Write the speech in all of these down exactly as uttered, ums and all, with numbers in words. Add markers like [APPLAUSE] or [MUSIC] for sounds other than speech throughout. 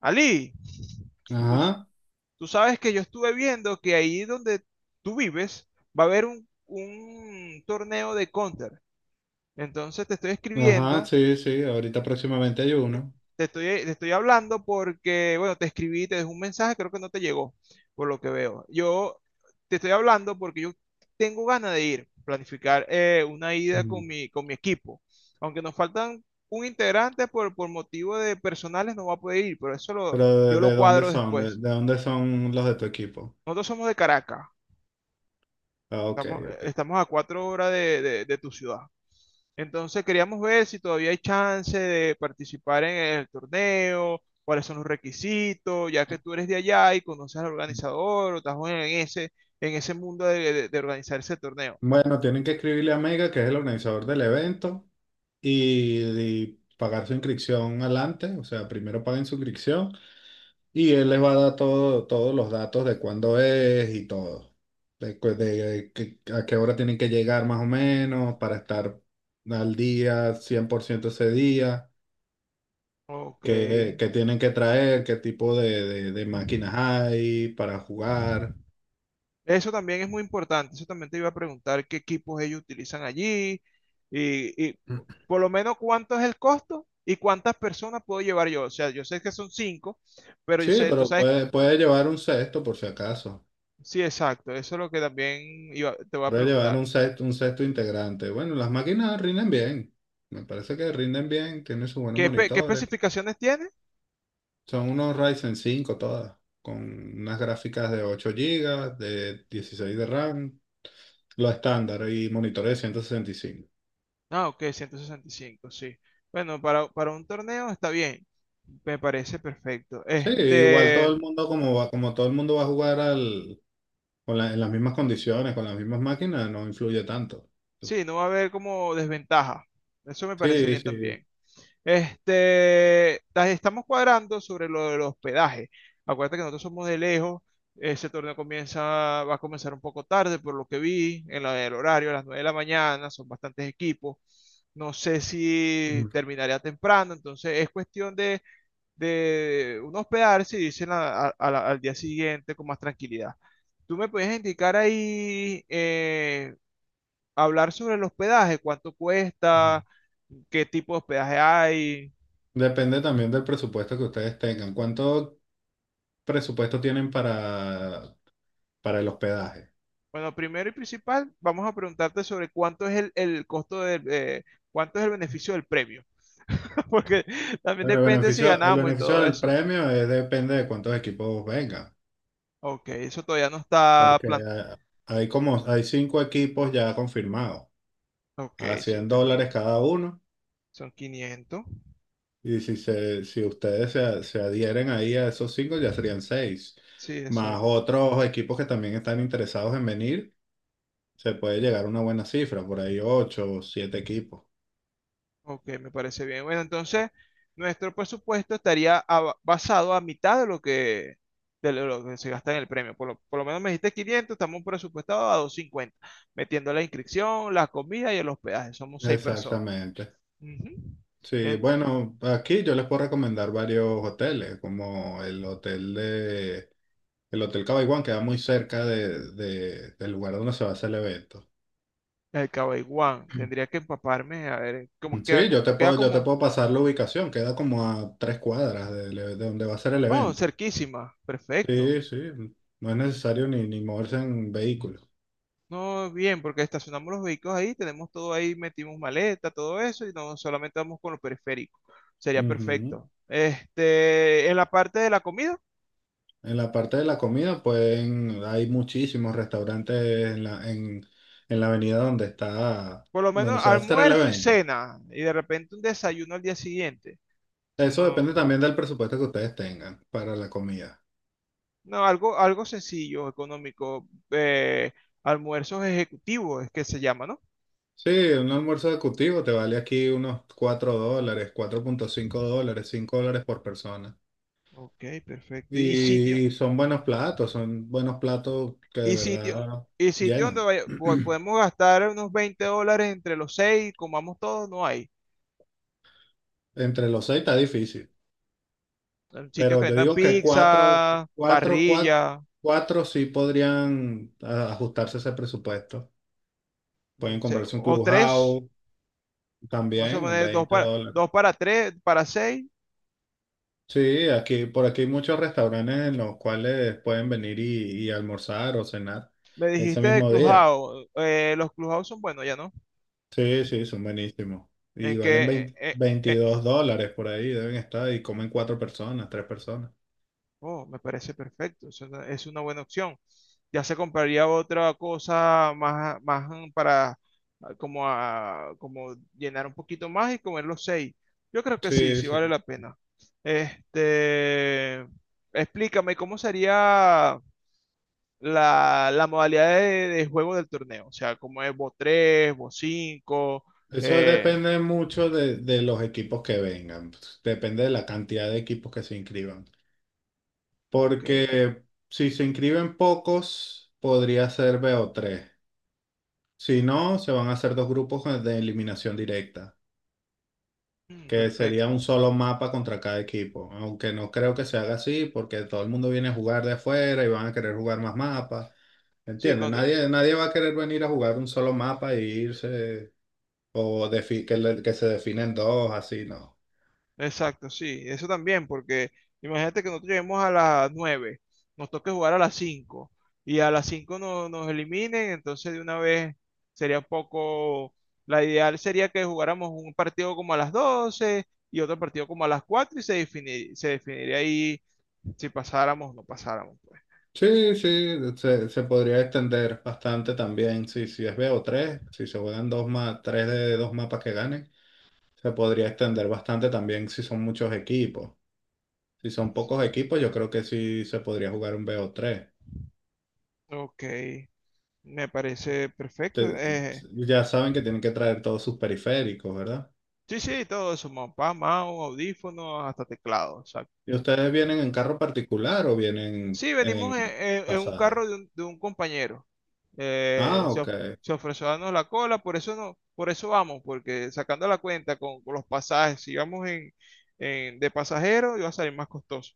Ali, tú, Ajá, tú sabes que yo estuve viendo que ahí donde tú vives va a haber un, un torneo de Counter. Entonces te estoy ajá, escribiendo, sí, sí, ahorita próximamente hay uno. te estoy, te estoy hablando porque, bueno, te escribí, te dejé un mensaje, creo que no te llegó, por lo que veo. Yo te estoy hablando porque yo tengo ganas de ir, planificar eh, una ida Mm. con mi, con mi equipo. Aunque nos faltan un integrante por, por motivo de personales, no va a poder ir, pero eso lo, Pero ¿de, yo lo de dónde cuadro son? ¿De, después. de dónde son los de tu equipo? Nosotros somos de Caracas, Ah, ok, estamos, ok. estamos a cuatro horas de, de- de tu ciudad. Entonces queríamos ver si todavía hay chance de participar en el torneo, cuáles son los requisitos, ya que tú eres de allá y conoces al organizador o estás en ese, en ese mundo de, de- de organizar ese torneo. Bueno, tienen que escribirle a Mega, que es el organizador del evento, y, y pagar su inscripción adelante, o sea, primero paguen su inscripción y él les va a dar todo, todos los datos de cuándo es y todo, de, cu- de que- a qué hora tienen que llegar más o menos para estar al día, cien por ciento ese día. Ok. ¿Qué, qué tienen que traer? ¿Qué tipo de, de- de máquinas hay para jugar? Eso también es muy importante. Eso también te iba a preguntar qué equipos ellos utilizan allí y, y por lo menos cuánto es el costo y cuántas personas puedo llevar yo. O sea, yo sé que son cinco. Pero yo Sí, sé, tú pero sabes, puede, puede llevar un sexto por si acaso. sí, exacto. Eso es lo que también iba- te voy a Puede llevar preguntar. un sexto, un sexto integrante. Bueno, las máquinas rinden bien. Me parece que rinden bien, tienen sus buenos ¿Qué, espe- qué monitores. especificaciones tiene? Son unos Ryzen cinco todas, con unas gráficas de ocho gigas de dieciséis de RAM, lo estándar y monitores de ciento sesenta y cinco Ah, ok, ciento sesenta y cinco, sí. Bueno, para, para un torneo está bien. Me parece perfecto. Sí, igual Este, todo el mundo como va, como todo el mundo va a jugar al, con la- en las mismas condiciones, con las mismas máquinas, no influye tanto. sí, no va a haber como desventaja. Eso me parece Sí, bien sí. también. Este, las estamos cuadrando sobre lo del hospedaje. Acuérdate que nosotros somos de lejos. Ese torneo comienza, va a comenzar un poco tarde, por lo que vi, en la del horario, a las nueve de la mañana, son bastantes equipos. No sé si terminaría temprano, entonces es cuestión de, de uno hospedarse y dicen a- a- a la- al día siguiente con más tranquilidad. ¿Tú me puedes indicar ahí, eh, hablar sobre el hospedaje, cuánto cuesta, qué tipo de hospedaje hay? Depende también del presupuesto que ustedes tengan. ¿Cuánto presupuesto tienen para, para el hospedaje? Bueno, primero y principal, vamos a preguntarte sobre cuánto es el, el costo del, eh, cuánto es el beneficio del premio, [LAUGHS] porque también Bueno, el depende si beneficio, el ganamos y beneficio todo del eso. Pues. premio es, depende de cuántos equipos vengan, Ok, eso todavía no está porque plan... hay como hay cinco equipos ya confirmados, Ok, a 100 cinco dólares equipos, cada uno, son quinientos. y si, se, si ustedes se, se adhieren ahí a esos cinco, ya serían seis, Sí, más exacto. otros equipos que también están interesados en venir. Se puede llegar a una buena cifra, por ahí ocho o siete equipos. Ok, me parece bien. Bueno, entonces, nuestro presupuesto estaría a- basado a mitad de lo que, de lo que se gasta en el premio. Por lo, por lo menos me dijiste quinientos, estamos presupuestados a doscientos cincuenta, metiendo la inscripción, la comida y el hospedaje. Somos seis personas. Exactamente. Ujú. Sí, En bueno, aquí yo les puedo recomendar varios hoteles, como el hotel de el Hotel Cabaiguán, que queda muy cerca de, de- del lugar donde se va a hacer el evento. el Cabaiguán. Tendría que empaparme, a ver, eh, como queda Sí, yo como, te queda puedo, yo te como, puedo pasar la ubicación, queda como a tres cuadras de, de donde va a ser el oh, evento. cerquísima. Perfecto. Sí, sí, no es necesario ni, ni moverse en vehículo. No, bien, porque estacionamos los vehículos ahí, tenemos todo ahí, metimos maleta, todo eso, y no solamente vamos con lo periférico. Sería Ujú. perfecto. Este, en la parte de la comida, En la parte de la comida, pueden, hay muchísimos restaurantes en la, en, en la avenida donde está, por lo donde menos se va a hacer el almuerzo y evento. cena, y de repente un desayuno al día siguiente. Eso Eso no, depende también del presupuesto que ustedes tengan para la comida. no, algo, algo sencillo, económico, eh, almuerzos ejecutivos es que se llama, ¿no? Sí, un almuerzo ejecutivo te vale aquí unos cuatro dólares, cuatro punto cinco dólares, cinco dólares por persona. Ok, perfecto. ¿Y sitio? Y son buenos platos, son buenos platos que de ¿Y sitio? verdad ¿Y sitio donde llenan. vaya- po- [CLEARS THROAT] podemos gastar unos veinte dólares entre los seis y comamos todos? No hay. Entre los seis está difícil. Eh, Sitios Pero que yo vendan digo que cuatro, pizza, cuatro, cuatro, barrilla cuatro sí podrían ah, ajustarse a ese presupuesto. Pueden mm, se- comprarse un o tres. clubhouse Vamos a también, un poner dos veinte para, dólares. dos para tres, para seis. Sí, aquí, por aquí hay muchos restaurantes en los cuales pueden venir y, y almorzar o cenar Me ese dijiste de mismo día. Clubhouse. Eh, los Clubhouse son buenos ya, ¿no? Sí, sí, son buenísimos. Y ¿En valen qué, eh, veinte eh, eh, veintidós dólares por ahí, deben estar, y comen cuatro personas, tres personas. oh, me parece perfecto, es una, es una buena opción. Ya se compraría otra cosa más, más mm, para ah, como, a- como llenar un poquito más y comer los seis. Yo creo que sí, Sí, sí vale sí. la pena. Este, explícame cómo sería la, la modalidad de, de juego del torneo, o sea, como es, vos tres, vos cinco? Eso Eh, depende mucho de, de los equipos que vengan, depende de la cantidad de equipos que se inscriban. ok, Porque si se inscriben pocos, podría ser B o tres Si no, se van a hacer dos grupos de eliminación directa, mm, que sería perfecto. un solo mapa contra cada equipo. Aunque no creo que se haga así, porque todo el mundo viene a jugar de afuera y van a querer jugar más mapas. Sí, ¿Entiendes? con- Nadie, nadie va a querer venir a jugar un solo mapa e irse, o defi- que, le- que se definen dos, así no. exacto, sí, eso también, porque imagínate que nosotros lleguemos a las nueve, nos toque jugar a las cinco y a las cinco no- nos eliminen, entonces de una vez sería un poco, la ideal sería que jugáramos un partido como a las doce y otro partido como a las cuatro y se defini- se definiría ahí si pasáramos o no pasáramos, pues. Sí, sí, se, se podría extender bastante también. Si, si es bo tres si se juegan dos más, tres de dos mapas que ganen, se podría extender bastante también si son muchos equipos. Si son pocos equipos, yo creo que sí se podría jugar un bo tres Ok, me parece perfecto. Te- Eh, ya saben que tienen que traer todos sus periféricos, ¿verdad? sí, sí, todo eso, mapa, mouse, audífonos, hasta teclado, exacto. ¿Y ustedes Ujú. vienen en carro particular o vienen Sí, venimos en, en en- en un pasaje? carro de un, de un compañero. Eh, Ah, se, ok. of- se ofreció a darnos la cola, por eso no, por eso vamos, porque sacando la cuenta con, con los pasajes, si vamos en, en- de pasajero, iba a salir más costoso.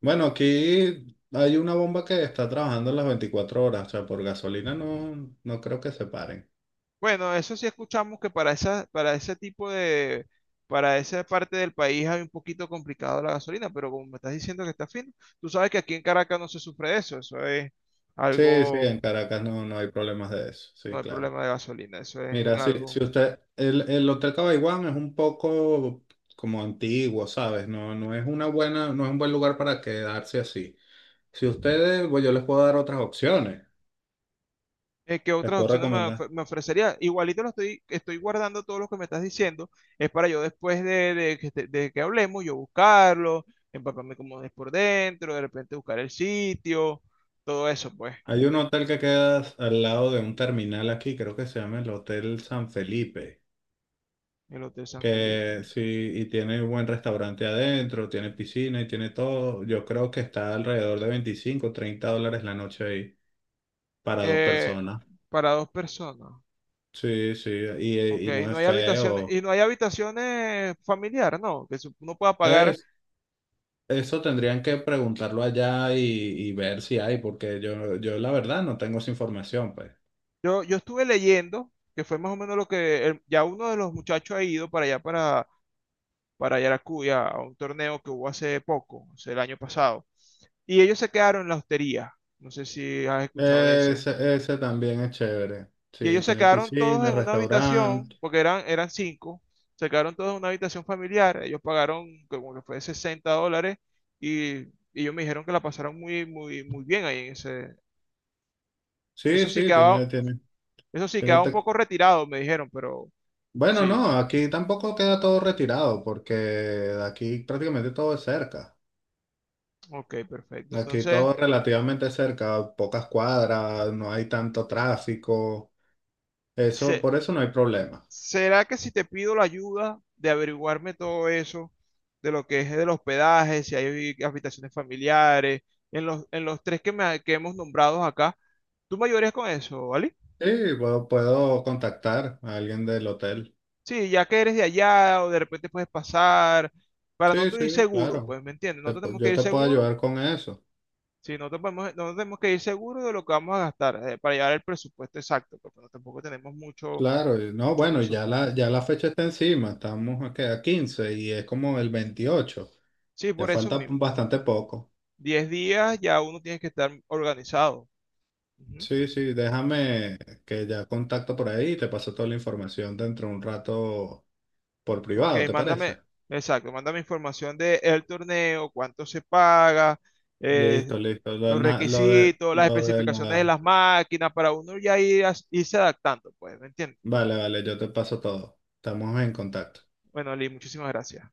Bueno, aquí hay una bomba que está trabajando las veinticuatro horas, o sea, por gasolina no, no creo que se paren. Bueno, eso sí escuchamos que para esa, para ese tipo de, para esa parte del país hay un poquito complicado la gasolina, pero como me estás diciendo que está fino, tú sabes que aquí en Caracas no se sufre de eso, eso es Sí, sí, algo, en Caracas no, no hay problemas de eso, no sí, hay claro. problema de gasolina, eso es Mira, si, algo si usted, el, el Hotel Cabaiguán es un poco como antiguo, ¿sabes? No, no es una buena, no es un buen lugar para quedarse así. Si ustedes, pues yo les puedo dar otras opciones, eh, ¿qué les otras puedo opciones me, recomendar. of- me ofrecería? Igualito lo estoy, estoy guardando todos los que me estás diciendo, es para yo después de, de que te- de que hablemos, yo buscarlo, empaparme como es por dentro, de repente buscar el sitio, todo eso, pues, Hay un hotel que queda al lado de un terminal aquí, creo que se llama el Hotel San Felipe, el Hotel San Felipe. que sí, y tiene un buen restaurante adentro, tiene piscina y tiene todo. Yo creo que está alrededor de veinticinco treinta dólares la noche ahí para dos Eh, personas. para dos personas, Sí, sí, ok, y, y no no es hay habitaciones, feo. y no hay habitaciones familiares, no, que su- uno pueda pagar. Es, eso tendrían que preguntarlo allá y, y ver si hay, porque yo, yo la verdad no tengo esa información, pues. Yo, yo estuve leyendo, que fue más o menos lo que el- ya uno de los muchachos ha ido para allá, para para Yaracuya a un torneo que hubo hace poco, o sea, el año pasado. Y ellos se quedaron en la hostería. No sé si has escuchado de ese. Ese, ese también es chévere. Y Sí, ellos se tiene quedaron todos piscina, en una restaurante. habitación, porque eran, eran cinco. Se quedaron todos en una habitación familiar. Ellos pagaron como que fue sesenta dólares y, y ellos me dijeron que la pasaron muy, muy, muy bien ahí en ese. Sí, Eso sí sí, quedaba, tiene, tiene, eso sí tiene quedaba un poco retirado, me dijeron, pero Bueno, sí. no, aquí tampoco queda todo retirado porque de aquí prácticamente todo es cerca. Ok, perfecto. Aquí Entonces, todo es relativamente cerca, pocas cuadras, no hay tanto tráfico. Eso, se- Por eso no hay problema. ¿será que si te pido la ayuda de averiguarme todo eso, de lo que es del hospedaje, si hay habitaciones familiares, en los, en los tres que, me- que hemos nombrado acá, tú me ayudarías con eso, vale? Sí, puedo, puedo contactar a alguien del hotel. Sí, ya que eres de allá o de repente puedes pasar, para no Sí, tú ir sí, seguro, claro. pues, ¿me entiendes? No Te pu- tenemos que yo ir te puedo seguro, ayudar con eso. sí, no te podemos- no tenemos que ir seguro de lo que vamos a gastar eh, para llegar al presupuesto exacto, porque no- tampoco tenemos mucho, Claro, y no, mucho bueno, y ya presupuesto. la, ya la fecha está encima. Estamos a, ¿qué?, a quince y es como el veintiocho. Sí, Ya por eso falta mismo, bastante poco. diez días ya uno tiene que estar organizado. Ujú. Sí, sí, déjame que ya contacto por ahí y te paso toda la información dentro de un rato por Ok, privado, ¿te parece? mándame, exacto, mándame información de el torneo, cuánto se paga, eh, Listo, listo. Lo, de los na- lo de, requisitos, las lo de especificaciones de la... las máquinas, para uno ya ir, as- irse adaptando, pues, ¿me entiendes? Vale, vale, yo te paso todo. Estamos en contacto. Bueno, Lee, muchísimas gracias.